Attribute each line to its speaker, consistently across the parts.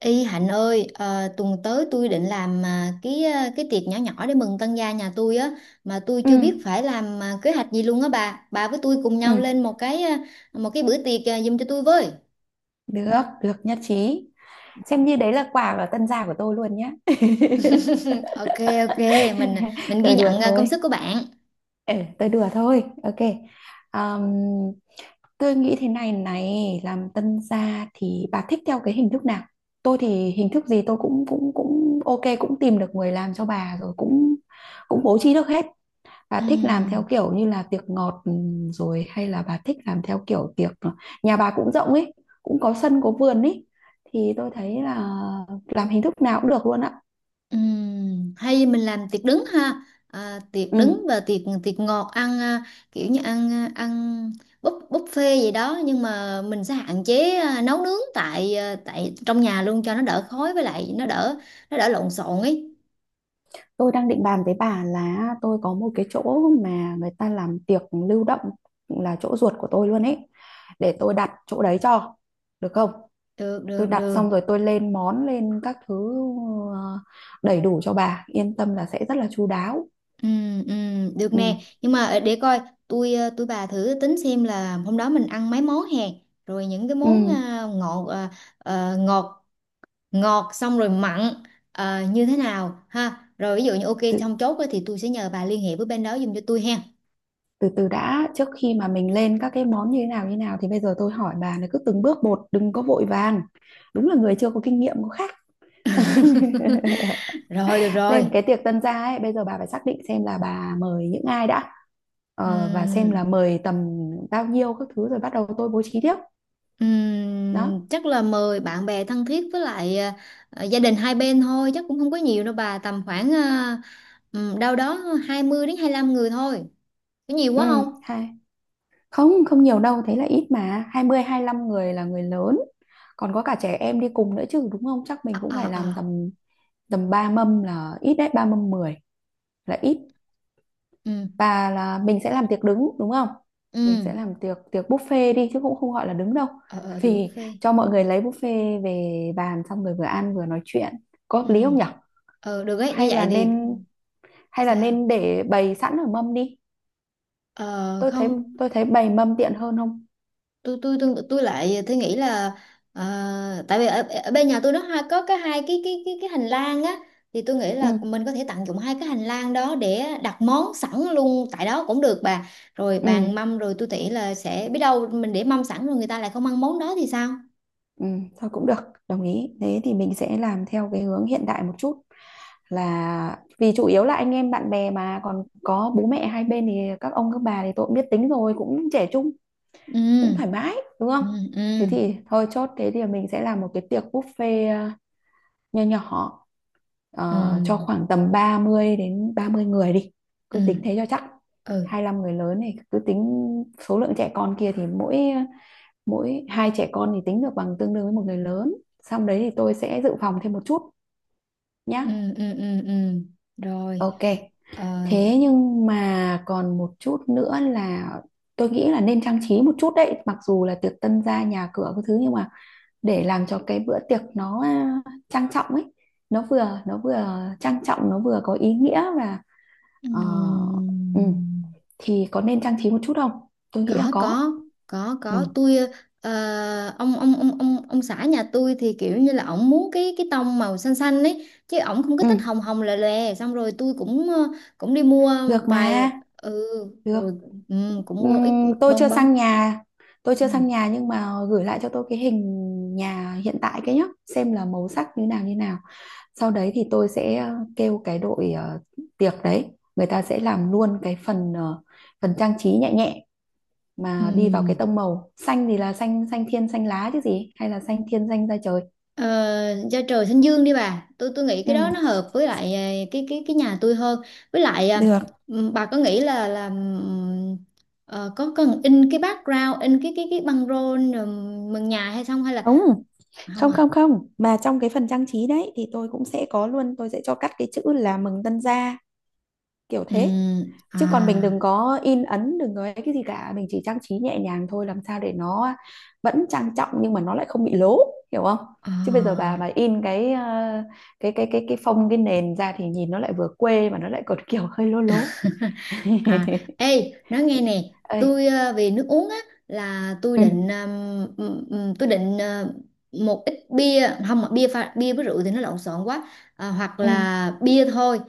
Speaker 1: Y Hạnh ơi, tuần tới tôi định làm cái cái tiệc nhỏ nhỏ để mừng tân gia nhà tôi á, mà tôi
Speaker 2: Ừ,
Speaker 1: chưa biết phải làm kế hoạch gì luôn á bà. Bà với tôi cùng nhau
Speaker 2: ừ,
Speaker 1: lên một cái bữa tiệc giùm cho tôi với.
Speaker 2: được nhất trí. Xem như đấy là quà ở tân gia của tôi luôn nhé.
Speaker 1: Ok, ok, mình mình ghi
Speaker 2: Tôi đùa
Speaker 1: nhận công
Speaker 2: thôi.
Speaker 1: sức của bạn.
Speaker 2: Ừ, tôi đùa thôi. Ok. Ờm, tôi nghĩ thế này này, làm tân gia thì bà thích theo cái hình thức nào? Tôi thì hình thức gì tôi cũng cũng cũng ok, cũng tìm được người làm cho bà rồi cũng cũng bố trí được hết. Bà
Speaker 1: Ừ.
Speaker 2: thích làm theo kiểu như là tiệc ngọt, ừ, rồi hay là bà thích làm theo kiểu tiệc, nhà bà cũng rộng ấy, cũng có sân có vườn ấy, thì tôi thấy là làm hình thức nào cũng được luôn ạ.
Speaker 1: Hay mình làm tiệc đứng ha, tiệc
Speaker 2: Ừ.
Speaker 1: đứng và tiệc tiệc ngọt ăn, kiểu như ăn buffet gì đó, nhưng mà mình sẽ hạn chế nấu nướng tại trong nhà luôn cho nó đỡ khói, với lại nó đỡ lộn xộn ấy.
Speaker 2: Tôi đang định bàn với bà là tôi có một cái chỗ mà người ta làm tiệc lưu động, là chỗ ruột của tôi luôn ấy. Để tôi đặt chỗ đấy cho. Được không?
Speaker 1: Được,
Speaker 2: Tôi
Speaker 1: được,
Speaker 2: đặt
Speaker 1: được.
Speaker 2: xong rồi tôi lên món lên các thứ ờ, đầy đủ cho bà, yên tâm là sẽ rất là chu đáo.
Speaker 1: Được
Speaker 2: Ừ.
Speaker 1: nè, nhưng mà để coi. Tôi bà thử tính xem là hôm đó mình ăn mấy món hè, rồi những cái món
Speaker 2: Ừ.
Speaker 1: à, ngọt à, à, ngọt ngọt xong rồi mặn như thế nào ha, rồi ví dụ như ok xong chốt á thì tôi sẽ nhờ bà liên hệ với bên đó giùm cho tôi ha.
Speaker 2: Từ từ đã, trước khi mà mình lên các cái món như thế nào thì bây giờ tôi hỏi bà là cứ từng bước một, đừng có vội vàng. Đúng là người chưa có kinh nghiệm có khác.
Speaker 1: Rồi được rồi.
Speaker 2: Lên cái tiệc tân gia ấy, bây giờ bà phải xác định xem là bà mời những ai đã, và xem
Speaker 1: Ừm,
Speaker 2: là mời tầm bao nhiêu các thứ, rồi bắt đầu tôi bố trí tiếp. Đó.
Speaker 1: chắc là mời bạn bè thân thiết, với lại gia đình hai bên thôi, chắc cũng không có nhiều đâu bà, tầm khoảng đâu đó 20 đến 25 người thôi, có nhiều
Speaker 2: Ừ.
Speaker 1: quá không?
Speaker 2: Hai, không không nhiều đâu, thế là ít mà. 20 lăm người là người lớn, còn có cả trẻ em đi cùng nữa chứ đúng không. Chắc mình
Speaker 1: Ờ,
Speaker 2: cũng phải
Speaker 1: ờ, ờ.
Speaker 2: làm tầm tầm ba mâm là ít đấy, ba mâm 10 là ít.
Speaker 1: Ừ.
Speaker 2: Và là mình sẽ làm tiệc đứng đúng không.
Speaker 1: Ừ.
Speaker 2: Mình sẽ làm tiệc tiệc buffet đi, chứ cũng không gọi là đứng đâu.
Speaker 1: Ờ, ờ, thì
Speaker 2: Vì
Speaker 1: buffet.
Speaker 2: cho mọi người lấy buffet về bàn xong rồi vừa ăn vừa nói chuyện, có
Speaker 1: Ừ.
Speaker 2: hợp lý không nhở?
Speaker 1: Được ấy, như
Speaker 2: hay
Speaker 1: vậy
Speaker 2: là
Speaker 1: thì.
Speaker 2: nên Hay là
Speaker 1: Sao?
Speaker 2: nên để bày sẵn ở mâm đi.
Speaker 1: Ờ
Speaker 2: tôi thấy
Speaker 1: Không.
Speaker 2: tôi thấy bày mâm tiện hơn không.
Speaker 1: Tôi lại tôi nghĩ là tại vì ở bên nhà tôi nó hai có cái hai cái hành lang á, thì tôi nghĩ
Speaker 2: Ừ,
Speaker 1: là mình có thể tận dụng hai cái hành lang đó để đặt món sẵn luôn tại đó cũng được bà. Rồi bàn
Speaker 2: ừ,
Speaker 1: mâm, rồi tôi nghĩ là sẽ biết đâu mình để mâm sẵn rồi người ta lại không ăn món đó thì sao.
Speaker 2: ừ, thôi cũng được. Đồng ý, thế thì mình sẽ làm theo cái hướng hiện đại một chút, là vì chủ yếu là anh em bạn bè mà còn có bố mẹ hai bên, thì các ông các bà thì tôi cũng biết tính rồi, cũng trẻ trung,
Speaker 1: Ừ,
Speaker 2: cũng thoải mái đúng
Speaker 1: ừ,
Speaker 2: không. Thế
Speaker 1: ừ,
Speaker 2: thì thôi chốt, thế thì mình sẽ làm một cái tiệc buffet nho nhỏ,
Speaker 1: ừ,
Speaker 2: cho khoảng tầm 30 đến 30 người đi, cứ tính thế
Speaker 1: ừ,
Speaker 2: cho chắc.
Speaker 1: ừ,
Speaker 2: 25 người lớn này cứ tính, số lượng trẻ con kia thì mỗi mỗi hai trẻ con thì tính được bằng tương đương với một người lớn. Xong đấy thì tôi sẽ dự phòng thêm một chút nhá.
Speaker 1: ừ, ừ, ừ, ừ. Rồi.
Speaker 2: Ok,
Speaker 1: Ờ,
Speaker 2: thế nhưng mà còn một chút nữa là tôi nghĩ là nên trang trí một chút đấy, mặc dù là tiệc tân gia nhà cửa cái thứ nhưng mà để làm cho cái bữa tiệc nó à, trang trọng ấy, nó vừa trang trọng, nó vừa có ý nghĩa và
Speaker 1: ừ.
Speaker 2: ờ, ừ, thì có nên trang trí một chút không, tôi nghĩ là
Speaker 1: Có,
Speaker 2: có.
Speaker 1: có, có,
Speaker 2: Ừ,
Speaker 1: có. Tôi ờ, ông xã nhà tôi thì kiểu như là ổng muốn cái tông màu xanh xanh ấy, chứ ổng không có thích
Speaker 2: ừ,
Speaker 1: hồng hồng lè lè. Xong rồi tôi cũng cũng đi mua
Speaker 2: được
Speaker 1: vài.
Speaker 2: mà,
Speaker 1: Ừ.
Speaker 2: được.
Speaker 1: Rồi. Ừ, cũng
Speaker 2: Ừ,
Speaker 1: mua ít
Speaker 2: tôi
Speaker 1: bông
Speaker 2: chưa sang
Speaker 1: bông.
Speaker 2: nhà,
Speaker 1: Ừ.
Speaker 2: nhưng mà gửi lại cho tôi cái hình nhà hiện tại cái nhá, xem là màu sắc như nào như nào, sau đấy thì tôi sẽ kêu cái đội tiệc đấy, người ta sẽ làm luôn cái phần phần trang trí nhẹ nhẹ
Speaker 1: Ừ.
Speaker 2: mà đi vào cái tông màu xanh, thì là xanh xanh thiên xanh lá chứ gì hay là xanh thiên xanh da trời.
Speaker 1: Ờ, da trời xanh dương đi bà, tôi nghĩ
Speaker 2: Ừ.
Speaker 1: cái đó nó hợp với lại cái nhà tôi hơn. Với lại
Speaker 2: Được.
Speaker 1: bà có nghĩ là có cần in cái background, in cái băng rôn mừng nhà hay không, hay là
Speaker 2: Không,
Speaker 1: không
Speaker 2: không
Speaker 1: à?
Speaker 2: không không. Mà trong cái phần trang trí đấy thì tôi cũng sẽ có luôn, tôi sẽ cho cắt cái chữ là mừng tân gia kiểu thế.
Speaker 1: À,
Speaker 2: Chứ còn mình đừng có in ấn, đừng có ấy cái gì cả, mình chỉ trang trí nhẹ nhàng thôi, làm sao để nó vẫn trang trọng nhưng mà nó lại không bị lố, hiểu không. Chứ bây giờ
Speaker 1: à.
Speaker 2: bà mà in cái cái phông cái nền ra thì nhìn nó lại vừa quê mà nó lại còn kiểu hơi lố lố.
Speaker 1: À, ê, nói nghe nè,
Speaker 2: Ê,
Speaker 1: tôi về nước uống á, là tôi
Speaker 2: ừ
Speaker 1: định một ít bia, không, mà bia pha, bia với rượu thì nó lộn xộn quá, hoặc
Speaker 2: ừ
Speaker 1: là bia thôi.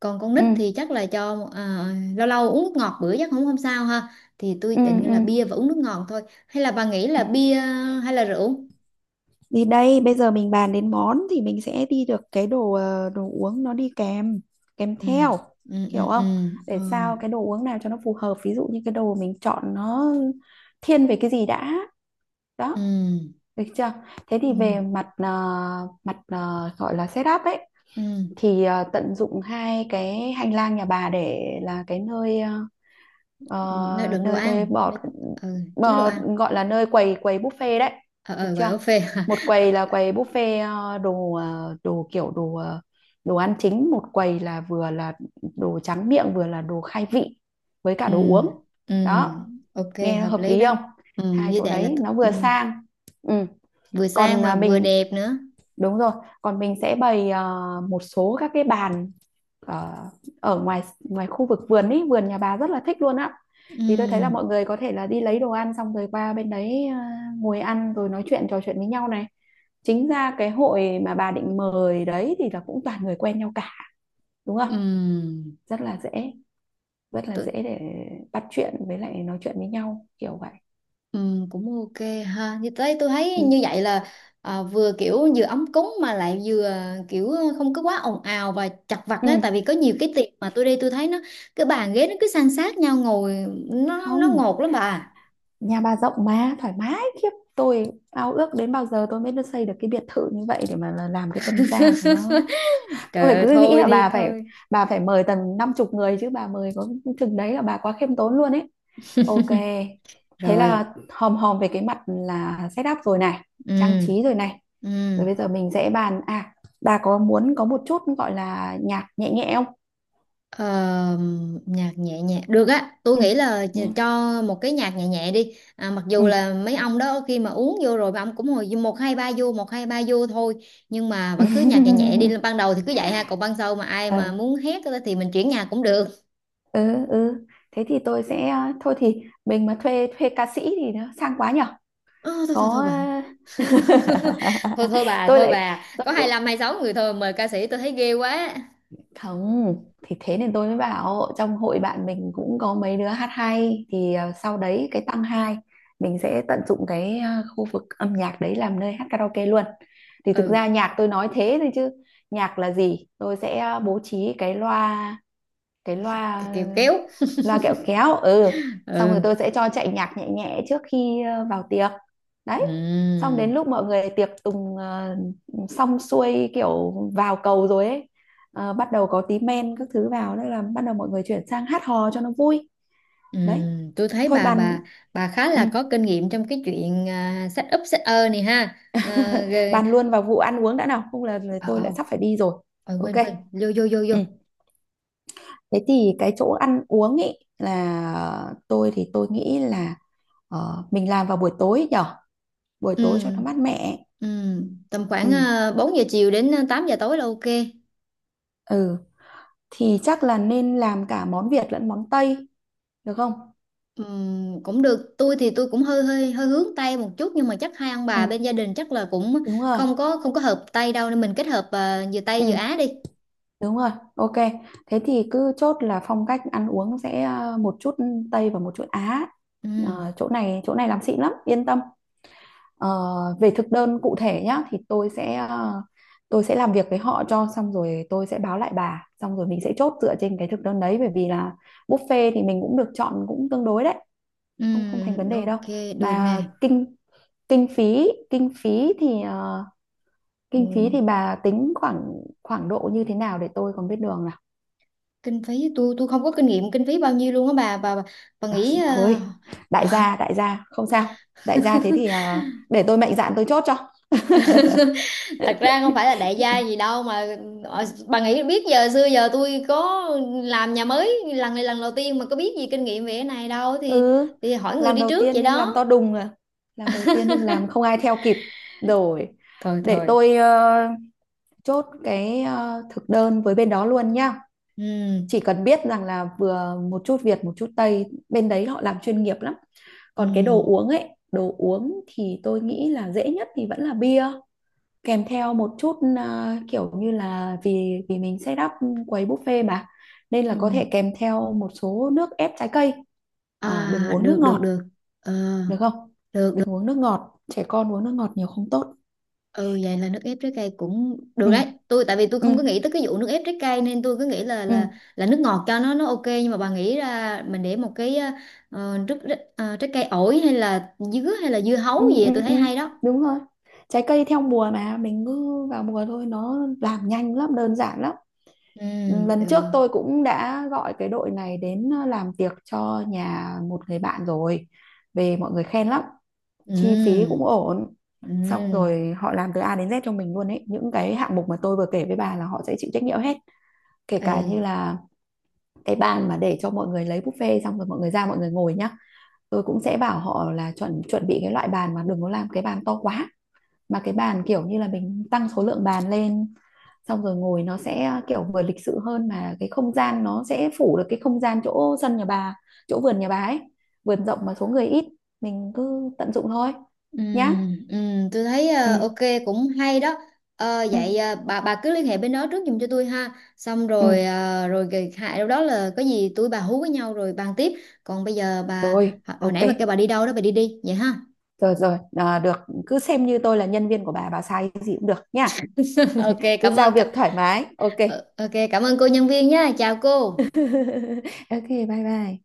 Speaker 1: Còn con
Speaker 2: ừ
Speaker 1: nít thì chắc là cho lâu lâu uống nước ngọt bữa chắc không không sao ha. Thì tôi
Speaker 2: ừ
Speaker 1: định
Speaker 2: ừ
Speaker 1: là bia và uống nước ngọt thôi. Hay là bà nghĩ
Speaker 2: ừ.
Speaker 1: là bia hay là rượu?
Speaker 2: Thì đây, bây giờ mình bàn đến món thì mình sẽ đi được cái đồ đồ uống nó đi kèm kèm
Speaker 1: Ừ,
Speaker 2: theo,
Speaker 1: ừ, ừ,
Speaker 2: hiểu
Speaker 1: ừ,
Speaker 2: không,
Speaker 1: ờ,
Speaker 2: để sao cái đồ uống nào cho nó phù hợp, ví dụ như cái đồ mình chọn nó thiên về cái gì đã. Đó,
Speaker 1: ừ,
Speaker 2: được chưa. Thế thì
Speaker 1: ừ,
Speaker 2: về mặt mặt gọi là setup ấy,
Speaker 1: ừ.
Speaker 2: thì tận dụng hai cái hành lang nhà bà để là cái nơi
Speaker 1: Nói
Speaker 2: Ờ,
Speaker 1: đừng đồ
Speaker 2: nơi nơi
Speaker 1: ăn,
Speaker 2: bỏ,
Speaker 1: nói, ừ, chứ đồ
Speaker 2: bò,
Speaker 1: ăn.
Speaker 2: gọi là nơi quầy quầy buffet đấy,
Speaker 1: Ờ,
Speaker 2: được
Speaker 1: ờ, gọi
Speaker 2: chưa.
Speaker 1: buffet hả?
Speaker 2: Một
Speaker 1: Ờ,
Speaker 2: quầy là quầy buffet đồ đồ kiểu đồ đồ ăn chính, một quầy là vừa là đồ tráng miệng vừa là đồ khai vị với cả
Speaker 1: ừ,
Speaker 2: đồ uống.
Speaker 1: ừ,
Speaker 2: Đó,
Speaker 1: ok,
Speaker 2: nghe nó
Speaker 1: hợp
Speaker 2: hợp
Speaker 1: lý
Speaker 2: lý
Speaker 1: đó.
Speaker 2: không.
Speaker 1: Ừ,
Speaker 2: Hai
Speaker 1: như
Speaker 2: chỗ
Speaker 1: vậy là
Speaker 2: đấy nó
Speaker 1: ừ,
Speaker 2: vừa sang. Ừ.
Speaker 1: vừa sang
Speaker 2: Còn
Speaker 1: mà
Speaker 2: à,
Speaker 1: vừa
Speaker 2: mình,
Speaker 1: đẹp nữa.
Speaker 2: đúng rồi, còn mình sẽ bày một số các cái bàn ờ, ở ngoài ngoài khu vực vườn ý, vườn nhà bà rất là thích luôn á. Thì tôi thấy là
Speaker 1: Ừ,
Speaker 2: mọi người có thể là đi lấy đồ ăn xong rồi qua bên đấy ngồi ăn rồi nói chuyện trò chuyện với nhau này. Chính ra cái hội mà bà định mời đấy thì là cũng toàn người quen nhau cả, đúng không?
Speaker 1: ừ,
Speaker 2: Rất là dễ, rất là
Speaker 1: tôi,
Speaker 2: dễ để bắt chuyện với lại nói chuyện với nhau kiểu vậy.
Speaker 1: ừ, cũng ok ha. Như thế tôi thấy
Speaker 2: Ừ.
Speaker 1: như vậy là vừa kiểu vừa ấm cúng mà lại vừa kiểu không có quá ồn ào và chật vật á,
Speaker 2: Ừ.
Speaker 1: tại vì có nhiều cái tiệc mà tôi đi tôi thấy nó cái bàn ghế nó cứ san sát nhau ngồi, nó
Speaker 2: Không,
Speaker 1: ngột lắm bà.
Speaker 2: nhà bà rộng mà thoải mái khiếp, tôi ao ước đến bao giờ tôi mới được xây được cái biệt thự như vậy để mà là- làm cái tân gia cho nó.
Speaker 1: Trời
Speaker 2: Tôi phải
Speaker 1: ơi,
Speaker 2: cứ nghĩ
Speaker 1: thôi
Speaker 2: là
Speaker 1: đi thôi.
Speaker 2: bà phải mời tầm năm chục người, chứ bà mời có chừng đấy là bà quá khiêm tốn luôn ấy. Ok, thế
Speaker 1: Rồi.
Speaker 2: là hòm hòm về cái mặt là setup rồi này, trang
Speaker 1: Ừ,
Speaker 2: trí rồi này,
Speaker 1: ừ.
Speaker 2: rồi bây giờ mình sẽ bàn, à, bà có muốn có một chút gọi là nhạc nhẹ nhẹ không.
Speaker 1: Ờ, nhạc nhẹ nhẹ được á, tôi
Speaker 2: Ừ,
Speaker 1: nghĩ là
Speaker 2: nhưng
Speaker 1: cho một cái nhạc nhẹ nhẹ đi, mặc dù là mấy ông đó khi mà uống vô rồi mấy ông cũng hồi một hai ba vô, một hai ba vô thôi, nhưng mà vẫn cứ nhạc nhẹ nhẹ đi, ban đầu thì cứ vậy ha, còn ban sau mà ai mà
Speaker 2: ừ.
Speaker 1: muốn hét á thì mình chuyển nhạc cũng được.
Speaker 2: Ừ, ừ, thế thì tôi sẽ thôi thì mình mà thuê thuê ca sĩ thì nó sang quá nhở.
Speaker 1: Ờ, thôi, thôi, thôi
Speaker 2: Có.
Speaker 1: bà. Thôi, thôi bà,
Speaker 2: tôi
Speaker 1: thôi
Speaker 2: lại
Speaker 1: bà
Speaker 2: tôi
Speaker 1: có
Speaker 2: cứ,
Speaker 1: 25 sáu người thôi, mời ca sĩ tôi thấy ghê quá.
Speaker 2: không, thì thế nên tôi mới bảo trong hội bạn mình cũng có mấy đứa hát hay, thì sau đấy cái tăng hai mình sẽ tận dụng cái khu vực âm nhạc đấy làm nơi hát karaoke luôn. Thì thực
Speaker 1: Ừ,
Speaker 2: ra nhạc tôi nói thế thôi, chứ nhạc là gì, tôi sẽ bố trí cái loa
Speaker 1: kiểu kéo.
Speaker 2: loa kẹo kéo, ừ, xong rồi
Speaker 1: Ừ,
Speaker 2: tôi sẽ cho chạy nhạc nhẹ nhẹ trước khi vào tiệc đấy. Xong
Speaker 1: ừ.
Speaker 2: đến lúc mọi người tiệc tùng xong xuôi kiểu vào cầu rồi ấy, bắt đầu có tí men các thứ vào đó là bắt đầu mọi người chuyển sang hát hò cho nó vui đấy.
Speaker 1: Tôi thấy
Speaker 2: Thôi
Speaker 1: bà,
Speaker 2: bàn.
Speaker 1: bà khá
Speaker 2: Ừ.
Speaker 1: là có kinh nghiệm trong cái chuyện set up, set ơ này ha. À, rồi.
Speaker 2: Bàn luôn vào vụ ăn uống đã nào, không là là
Speaker 1: ờ,
Speaker 2: tôi lại
Speaker 1: ờ,
Speaker 2: sắp phải đi rồi. Ok.
Speaker 1: quên quên, vô vô vô vô.
Speaker 2: Ừ. Thế thì cái chỗ ăn uống ấy là tôi thì tôi nghĩ là mình làm vào buổi tối nhở, buổi tối cho nó
Speaker 1: Ừm,
Speaker 2: mát mẻ.
Speaker 1: tầm khoảng
Speaker 2: Ừ.
Speaker 1: 4 giờ chiều đến 8 giờ tối là ok.
Speaker 2: Ừ. Thì chắc là nên làm cả món Việt lẫn món Tây, được không.
Speaker 1: Cũng được. Tôi thì tôi cũng hơi hơi hơi hướng Tây một chút, nhưng mà chắc hai ông bà bên
Speaker 2: Ừ,
Speaker 1: gia đình chắc là cũng
Speaker 2: đúng rồi.
Speaker 1: không có hợp Tây đâu, nên mình kết hợp vừa Tây
Speaker 2: Ừ,
Speaker 1: vừa Á đi.
Speaker 2: đúng rồi. Ok. Thế thì cứ chốt là phong cách ăn uống sẽ một chút Tây và một chút Á.
Speaker 1: Ừm,
Speaker 2: Ờ, chỗ này làm xịn lắm yên tâm. Ờ, về thực đơn cụ thể nhá, thì tôi sẽ tôi sẽ làm việc với họ cho xong rồi tôi sẽ báo lại bà, xong rồi mình sẽ chốt dựa trên cái thực đơn đấy, bởi vì là buffet thì mình cũng được chọn cũng tương đối đấy, không không thành vấn đề đâu.
Speaker 1: ok, được nè.
Speaker 2: Mà kinh kinh phí thì kinh phí thì
Speaker 1: Ừm.
Speaker 2: bà tính khoảng khoảng độ như thế nào để tôi còn biết đường nào.
Speaker 1: Kinh phí tôi không có kinh nghiệm, kinh phí bao nhiêu luôn á bà
Speaker 2: Ờ,
Speaker 1: nghĩ
Speaker 2: thôi, đại gia không sao, đại gia thế thì để tôi mạnh dạn tôi chốt cho.
Speaker 1: Thật ra không phải là đại gia gì đâu mà, bà nghĩ biết giờ, xưa giờ tôi có làm nhà mới lần này lần đầu tiên mà có biết gì kinh nghiệm về cái này đâu, thì
Speaker 2: Ừ,
Speaker 1: hỏi người
Speaker 2: làm
Speaker 1: đi
Speaker 2: đầu
Speaker 1: trước
Speaker 2: tiên
Speaker 1: vậy
Speaker 2: nhưng làm
Speaker 1: đó.
Speaker 2: to đùng à, làm đầu tiên nhưng làm không ai theo kịp. Rồi,
Speaker 1: Thôi
Speaker 2: để
Speaker 1: thôi.
Speaker 2: tôi chốt cái thực đơn với bên đó luôn nhá.
Speaker 1: Ừ,
Speaker 2: Chỉ cần biết rằng là vừa một chút Việt, một chút Tây, bên đấy họ làm chuyên nghiệp lắm. Còn cái đồ
Speaker 1: ừ.
Speaker 2: uống ấy, đồ uống thì tôi nghĩ là dễ nhất thì vẫn là bia kèm theo một chút à, kiểu như là vì vì mình set up quầy buffet mà, nên là
Speaker 1: Ừ.
Speaker 2: có thể kèm theo một số nước ép trái cây.
Speaker 1: À,
Speaker 2: Ờ, đừng uống nước
Speaker 1: được, được,
Speaker 2: ngọt
Speaker 1: được. ờ,
Speaker 2: được không?
Speaker 1: được.
Speaker 2: Đừng uống nước ngọt, trẻ con uống nước ngọt nhiều không tốt.
Speaker 1: Ừ, vậy là nước ép trái cây cũng được
Speaker 2: Ừ
Speaker 1: đấy. Tại vì tôi
Speaker 2: ừ
Speaker 1: không có nghĩ tới cái vụ nước ép trái cây, nên tôi cứ nghĩ là là
Speaker 2: ừ.
Speaker 1: là nước ngọt cho nó ok, nhưng mà bà nghĩ ra mình để một cái nước, trái cây, ổi hay là dứa hay là dưa hấu
Speaker 2: Ừ,
Speaker 1: gì,
Speaker 2: ừ,
Speaker 1: tôi
Speaker 2: ừ.
Speaker 1: thấy hay đó.
Speaker 2: Đúng rồi, trái cây theo mùa mà mình cứ vào mùa thôi, nó làm nhanh lắm, đơn giản lắm.
Speaker 1: Ừ,
Speaker 2: Ừ, lần trước
Speaker 1: được.
Speaker 2: tôi cũng đã gọi cái đội này đến làm tiệc cho nhà một người bạn rồi, về mọi người khen lắm, chi phí
Speaker 1: Ừ.
Speaker 2: cũng ổn, xong
Speaker 1: Ừ.
Speaker 2: rồi họ làm từ A đến Z cho mình luôn ấy, những cái hạng mục mà tôi vừa kể với bà là họ sẽ chịu trách nhiệm hết, kể cả như
Speaker 1: Ê.
Speaker 2: là cái bàn mà để cho mọi người lấy buffet xong rồi mọi người ra mọi người ngồi nhá. Tôi cũng sẽ bảo họ là chuẩn chuẩn bị cái loại bàn, mà đừng có làm cái bàn to quá, mà cái bàn kiểu như là mình tăng số lượng bàn lên, xong rồi ngồi nó sẽ kiểu vừa lịch sự hơn, mà cái không gian nó sẽ phủ được cái không gian chỗ sân nhà bà, chỗ vườn nhà bà ấy, vườn rộng mà số người ít, mình cứ tận dụng thôi
Speaker 1: Ừ,
Speaker 2: nhá.
Speaker 1: ừ, tôi thấy ok,
Speaker 2: Ừ,
Speaker 1: cũng hay đó. Ờ,
Speaker 2: ừ,
Speaker 1: vậy bà cứ liên hệ bên đó trước giùm cho tôi ha, xong
Speaker 2: ừ,
Speaker 1: rồi rồi kỳ hại đâu đó là có gì tôi bà hú với nhau rồi bàn tiếp. Còn bây giờ bà,
Speaker 2: rồi,
Speaker 1: hồi
Speaker 2: ok.
Speaker 1: nãy bà kêu bà đi đâu đó, bà đi đi vậy ha.
Speaker 2: Rồi rồi, à, được, cứ xem như tôi là nhân viên của bà sai cái gì cũng được nha,
Speaker 1: Ok
Speaker 2: cứ
Speaker 1: cảm
Speaker 2: giao
Speaker 1: ơn
Speaker 2: việc thoải mái. Ok.
Speaker 1: ok cảm ơn cô nhân viên nha, chào cô.
Speaker 2: Ok, bye bye.